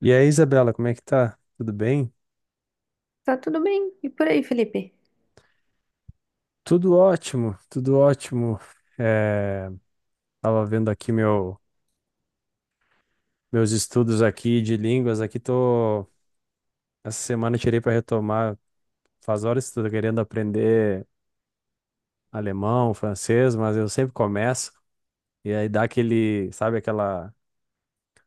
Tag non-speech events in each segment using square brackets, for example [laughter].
E aí, Isabela, como é que tá? Tudo bem? Tá tudo bem. E por aí, Felipe? Tudo ótimo, tudo ótimo. É, tava vendo aqui meus estudos aqui de línguas. Essa semana eu tirei para retomar. Faz horas que estou querendo aprender alemão, francês, mas eu sempre começo, e aí dá aquele, sabe, aquela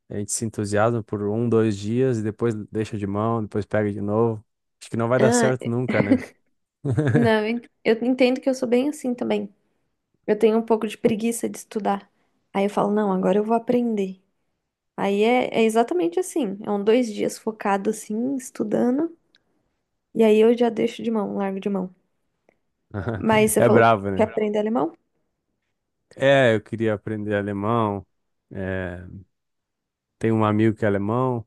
a gente se entusiasma por um, dois dias, e depois deixa de mão, depois pega de novo. Acho que não vai dar Ah, certo nunca, né? não, [laughs] eu entendo que eu sou bem assim também. Eu tenho um pouco de preguiça de estudar. Aí eu falo, não, agora eu vou aprender. Aí é exatamente assim. É um dois dias focado assim, estudando. E aí eu já deixo de mão, largo de mão. Mas você É falou que bravo, quer né? aprender alemão? É, eu queria aprender alemão. É, tem um amigo que é alemão,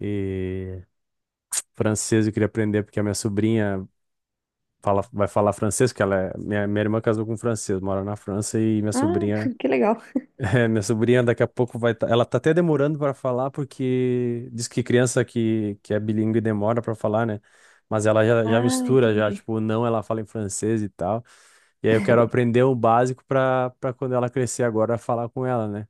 e francês eu queria aprender porque a minha sobrinha fala, vai falar francês, porque ela é, minha irmã casou com um francês, mora na França, e minha Ah, sobrinha. [laughs] que legal. [laughs] É, minha sobrinha daqui a pouco vai, ela tá até demorando para falar porque diz que criança que é bilíngue demora para falar, né? Mas ela já Ah, mistura já, entendi. tipo, o não, ela fala em francês e tal. E aí eu quero aprender o básico para quando ela crescer agora falar com ela, né?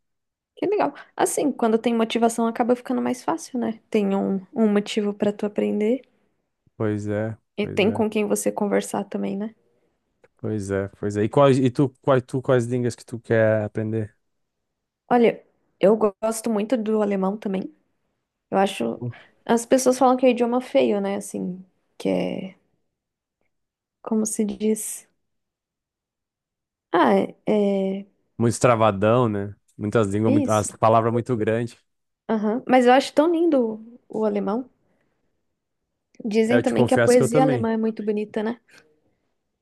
Que legal. Assim, quando tem motivação, acaba ficando mais fácil, né? Tem um motivo pra tu aprender. Pois é, E pois tem é. com quem você conversar também, né? Pois é, pois é. E, quais, e tu, quais línguas que tu quer aprender? Olha, gosto muito do alemão também. Eu acho. As pessoas falam que é o idioma feio, né? Assim, que é. Como se diz? Ah, é. é- Muito travadão, né? Muitas línguas, muito, Isso. as palavras muito grandes. Aham. Mas eu acho tão lindo o alemão. É, eu Dizem te também que a confesso que eu poesia também. alemã é muito bonita, né?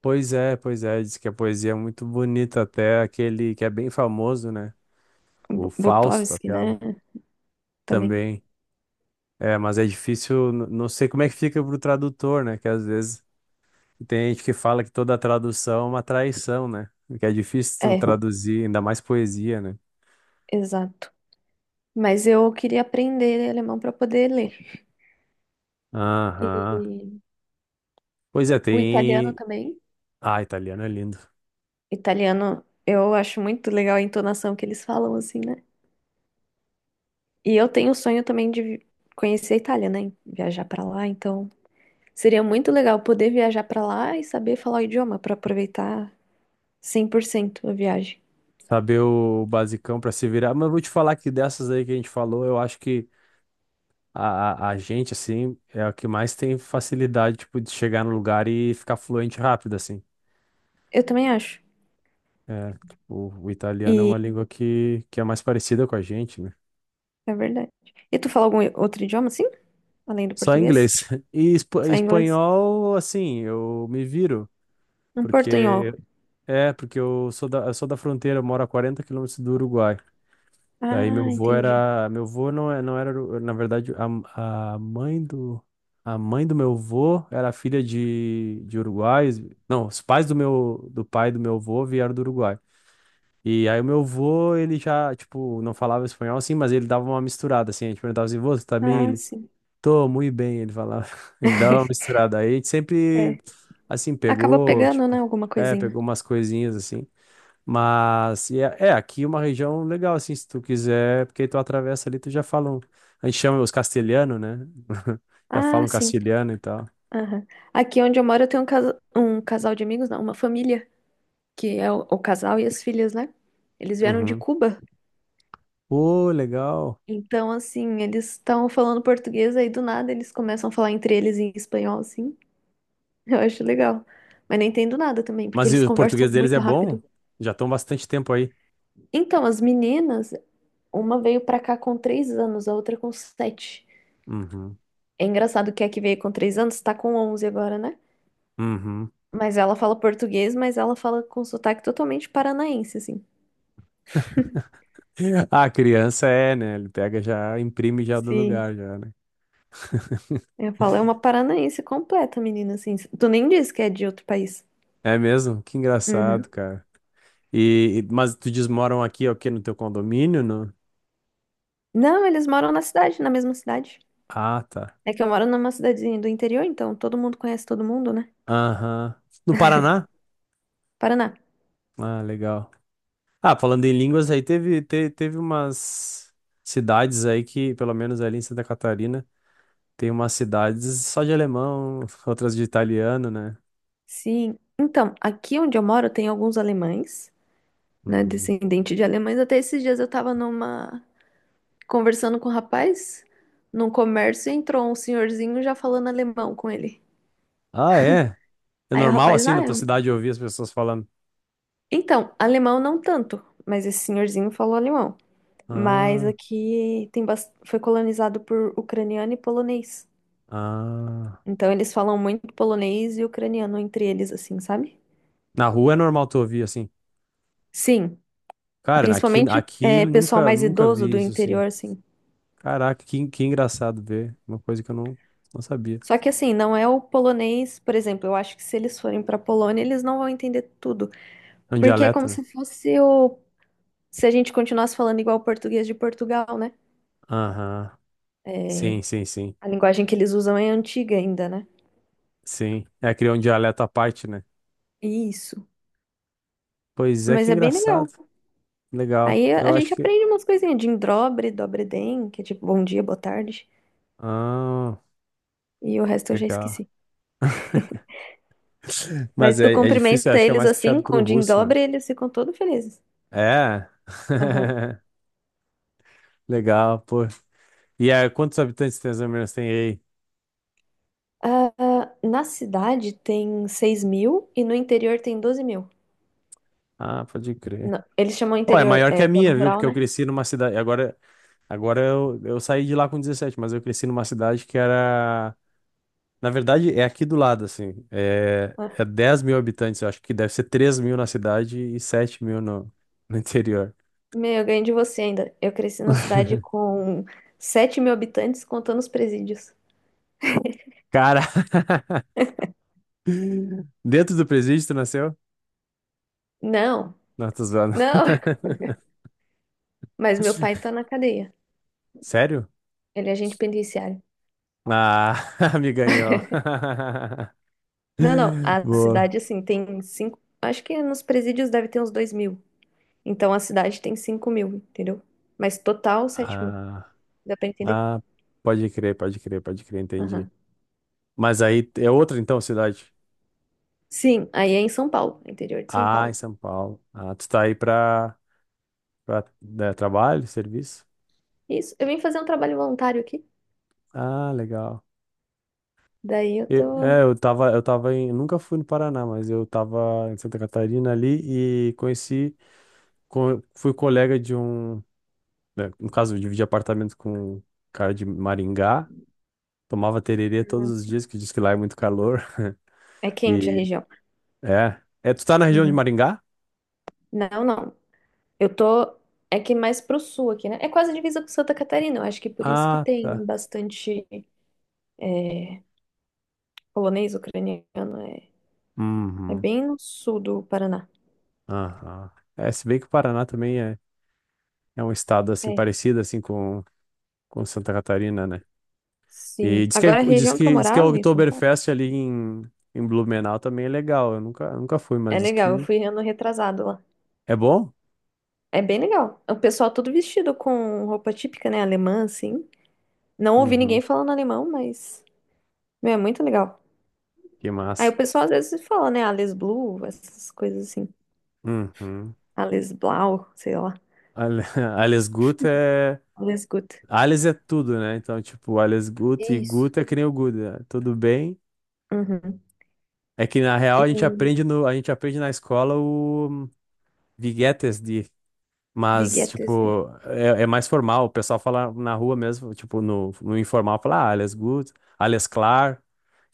Pois é, pois é. Diz que a poesia é muito bonita, até aquele que é bem famoso, né? O Bu- Fausto, Butowski, né? aquela, Também. também. É, mas é difícil. Não sei como é que fica pro tradutor, né? Que às vezes tem gente que fala que toda tradução é uma traição, né? Que é difícil tu É, traduzir, ainda mais poesia, né? exato. Mas eu queria aprender alemão para poder ler. Aham. E Pois é, o italiano tem. também. Ah, italiano é lindo. Italiano, eu acho muito legal a entonação que eles falam, assim, né? E eu tenho o sonho também conhecer a Itália, né? Viajar pra lá, então seria muito legal poder viajar pra lá e saber falar o idioma pra aproveitar 100% a viagem. Saber o basicão pra se virar. Mas eu vou te falar que dessas aí que a gente falou, eu acho que a gente, assim, é a que mais tem facilidade, tipo, de chegar no lugar e ficar fluente rápido, assim. Eu também acho. É, o italiano é E uma língua que é mais parecida com a gente, né? é verdade. E tu fala algum outro idioma assim? Além do Só inglês. português? [laughs] E Só inglês? espanhol, assim, eu me viro, Um portunhol. porque... É, porque eu sou da fronteira, eu moro a 40 quilômetros do Uruguai. Daí meu Ah, avô entendi. era, meu avô não, não era, na verdade, a, a mãe do, a mãe do meu avô era filha de uruguaios. Não, os pais do pai do meu avô vieram do Uruguai. E aí o meu avô, ele já, tipo, não falava espanhol assim, mas ele dava uma misturada assim. A gente perguntava assim, "Vô, você tá bem?" Ah, Ele, sim. tô, muito bem, ele falava. [laughs] Ele dava uma [laughs] misturada. Aí a gente sempre, É. assim, Acaba pegou, pegando, né, tipo, alguma coisinha. pegou umas coisinhas assim. Mas e aqui é uma região legal, assim, se tu quiser, porque tu atravessa ali, tu já falam. A gente chama os castelhanos, né? [laughs] Já Ah, falam sim. castelhano e tal. Aham. Aqui onde eu moro, eu tenho um, casa, um casal de amigos, não, uma família que é o casal e as filhas, né? Eles vieram de Uhum. Cuba. Pô, legal. Então, assim, eles estão falando português, aí do nada eles começam a falar entre eles em espanhol, assim. [laughs] Eu acho legal. Mas nem entendo nada também, porque Mas e eles o conversam português deles muito é bom? rápido. Já estão bastante tempo aí. Então, as meninas, uma veio pra cá com 3 anos, a outra com sete. Uhum. É engraçado que a que veio com 3 anos tá com 11 agora, né? Uhum. Mas ela fala português, mas ela fala com sotaque totalmente paranaense, assim. [laughs] A criança é, né? Ele pega já, imprime já do Sim. lugar, já, né? Eu falo, é uma [laughs] paranaense completa, menina, assim. Tu nem diz que é de outro país. É mesmo? Que Uhum. engraçado, cara. E, mas tu diz, moram aqui, é o quê? No teu condomínio, no... Não, eles moram na cidade, na mesma cidade. Ah, tá. É que eu moro numa cidadezinha do interior, então todo mundo conhece todo mundo, né? Aham. No Paraná? Paraná. Ah, legal. Ah, falando em línguas, aí teve, teve umas cidades aí que, pelo menos ali em Santa Catarina, tem umas cidades só de alemão, [laughs] outras de italiano, né? Sim. Então, aqui onde eu moro tem alguns alemães, né? Uhum. Descendente de alemães. Até esses dias eu tava numa, conversando com um rapaz num comércio e entrou um senhorzinho já falando alemão com ele. Ah, é? É Aí o normal rapaz, assim ah, na tua cidade ouvir as pessoas falando? então, alemão não tanto, mas esse senhorzinho falou alemão. Mas Ah, aqui tem bas, foi colonizado por ucraniano e polonês. ah. Então eles falam muito polonês e ucraniano entre eles, assim, sabe? Na rua é normal tu ouvir assim. Sim, Cara, aqui, principalmente aqui pessoal nunca, mais nunca idoso vi do isso assim. interior, assim. Caraca, que engraçado ver. Uma coisa que eu não, não sabia. Só que assim, não é o polonês, por exemplo, eu acho que se eles forem pra Polônia, eles não vão entender tudo, É um porque é dialeto, como né? se fosse o se a gente continuasse falando igual o português de Portugal, né? Aham. É, Sim, sim, sim. a linguagem que eles usam é antiga ainda, né? Sim. É, criou um dialeto à parte, né? Isso. Pois é, Mas que é bem legal. engraçado. Legal. Aí a Eu a gente acho que... aprende umas coisinhas de indrobre, dobre den, que é tipo bom dia, boa tarde, Ah, e o resto eu já legal. esqueci. [laughs] Mas Mas tu é difícil, eu cumprimenta acho que é eles mais assim, puxado com pro o em russo, né? dobra, e eles ficam todos felizes. É. Aham. [laughs] Legal, pô. E aí, quantos habitantes tem as Minas tem aí? Ah, ah, na cidade tem 6.000 e no interior tem 12.000. Ah, pode crer. Não, eles chamam Pô, é interior, maior que a zona minha, viu? rural, Porque eu né? cresci numa cidade. Agora, agora eu saí de lá com 17, mas eu cresci numa cidade que era... Na verdade, é aqui do lado, assim. É Aham. 10 mil habitantes, eu acho que deve ser 3 mil na cidade e 7 mil no interior. Meu, eu ganhei de você ainda. Eu cresci na cidade [laughs] com 7.000 habitantes, contando os presídios. Cara, [laughs] dentro do presídio tu nasceu? Não, Não, tô zoando. não. [laughs] Mas meu pai [laughs] tá na cadeia. Sério? Ele é agente penitenciário. Ah, [laughs] me ganhou. [laughs] Não, não. A Boa. cidade, assim, tem cinco. Acho que nos presídios deve ter uns 2.000. Então a cidade tem 5.000, entendeu? Mas total 7.000. Ah, Dá pra entender? ah, pode crer, pode crer, pode crer, entendi. Aham. Mas aí é outra, então, cidade? Sim, aí é em São Paulo, interior de São Ah, em Paulo. São Paulo. Ah, tu tá aí pra... Pra, né, trabalho, serviço? Isso. Eu vim fazer um trabalho voluntário aqui. Ah, legal. Daí eu Eu, tô. é, eu tava, eu tava em, nunca fui no Paraná, mas eu tava em Santa Catarina ali, e conheci, fui colega de um, né, no caso, eu dividi apartamento com um cara de Maringá, tomava tererê todos os Nossa. dias, que diz que lá é muito calor. [laughs] É quente a E, região. Tu tá na região de Uhum. Maringá? Não, não. Eu tô. É que mais pro sul aqui, né? É quase divisa com Santa Catarina. Eu acho que por isso que Ah, tem tá. bastante é, polonês, ucraniano. É, é Uhum, bem no sul do Paraná. aham. É, se bem que o Paraná também é um estado, assim, É. parecido, assim, com Santa Catarina, né? E Sim. diz que, é, Agora a região que eu diz que a morava em São Paulo. Oktoberfest ali em, Blumenau também é legal. Eu nunca fui, mas É diz legal, eu que fui ano retrasado lá. é bom? É bem legal. O pessoal todo vestido com roupa típica, né? Alemã, assim. Não ouvi ninguém Uhum, falando alemão, mas. Meu, é muito legal. que Aí massa. o pessoal às vezes fala, né? Alles Blue, essas coisas assim. Uhum. Alles Blau, sei lá. Ale- [laughs] Alles Gut é. Alles Gut. Alles é tudo, né? Então, tipo, Alles Gut, e Isso. Gut é que nem o Gut, né? Tudo bem. Uhum. É que na real E a gente aprende no, a gente aprende na escola o Wie geht es dir? Wie Mas, geht es dir? tipo, é mais formal. O pessoal fala na rua mesmo, tipo, no informal, fala, ah, alles gut, alles klar.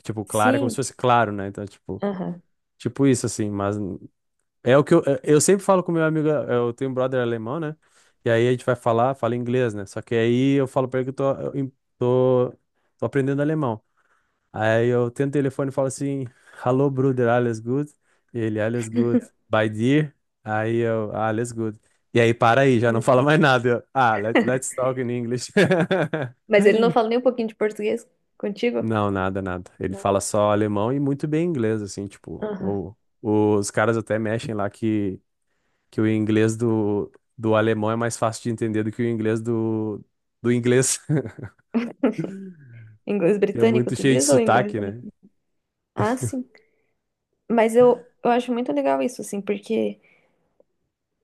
Tipo, claro é como se Sim. fosse claro, né? Então, tipo, Aham. tipo isso, assim. Mas é o que eu sempre falo com meu amigo, eu tenho um brother alemão, né? E aí a gente vai falar, fala inglês, né? Só que aí eu falo pra ele que eu tô, eu em- tô, tô aprendendo alemão. Aí eu tento o telefone e falo assim, "Hello, brother, alles good?" Ele, "alles good, [laughs] by dear?" Aí eu, ah, alles good. E aí para aí, já não Alles fala Gut. mais nada. Eu, ah, let's talk in English. [laughs] Mas ele não fala nem um pouquinho de português contigo? Não, nada, nada. Ele Não. fala só alemão e muito bem inglês, assim, tipo, Aham. Os caras até mexem lá que o inglês do alemão é mais fácil de entender do que o inglês do inglês, [laughs] Inglês que é britânico, muito tu cheio de diz? Ou sotaque, inglês né? americano? Ah, sim. Mas eu acho muito legal isso, assim, porque.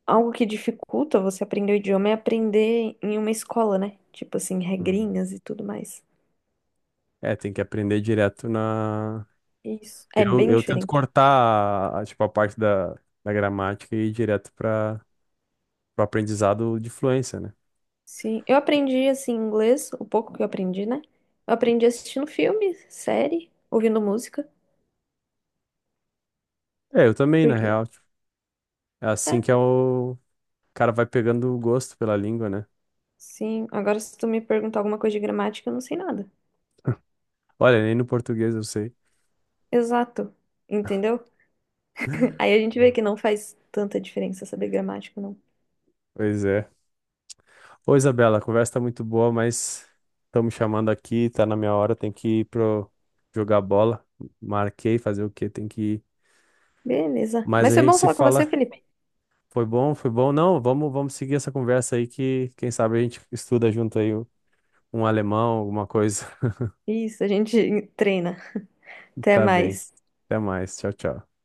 Algo que dificulta você aprender o idioma é aprender em uma escola, né? Tipo assim, Uhum. regrinhas e tudo mais. É, tem que aprender direto na... Isso. É Eu, bem eu tento diferente. cortar, tipo, a parte da gramática, e ir direto para o aprendizado de fluência, né? Sim. Eu aprendi, assim, inglês, o pouco que eu aprendi, né? Eu aprendi assistindo filme, série, ouvindo música. É, eu também, na Porque. real, tipo, é É, assim que é o cara vai pegando o gosto pela língua, né? sim. Agora, se tu me perguntar alguma coisa de gramática, eu não sei nada. Olha, nem no português eu sei. Exato. Entendeu? [laughs] [laughs] Aí a gente vê que não faz tanta diferença saber gramática, não. Pois é. Ô, Isabela, a conversa tá muito boa, mas estão me chamando aqui, tá na minha hora, tem que ir pro jogar bola. Marquei, fazer o quê? Tem que ir. Beleza. Mas Mas a foi gente bom se falar com você, fala. Felipe. Foi bom, foi bom. Não, vamos, vamos seguir essa conversa aí, que quem sabe a gente estuda junto aí um alemão, alguma coisa. Isso, a gente [laughs] treina. [laughs] Até Tá bem. mais. Até mais. Tchau, tchau.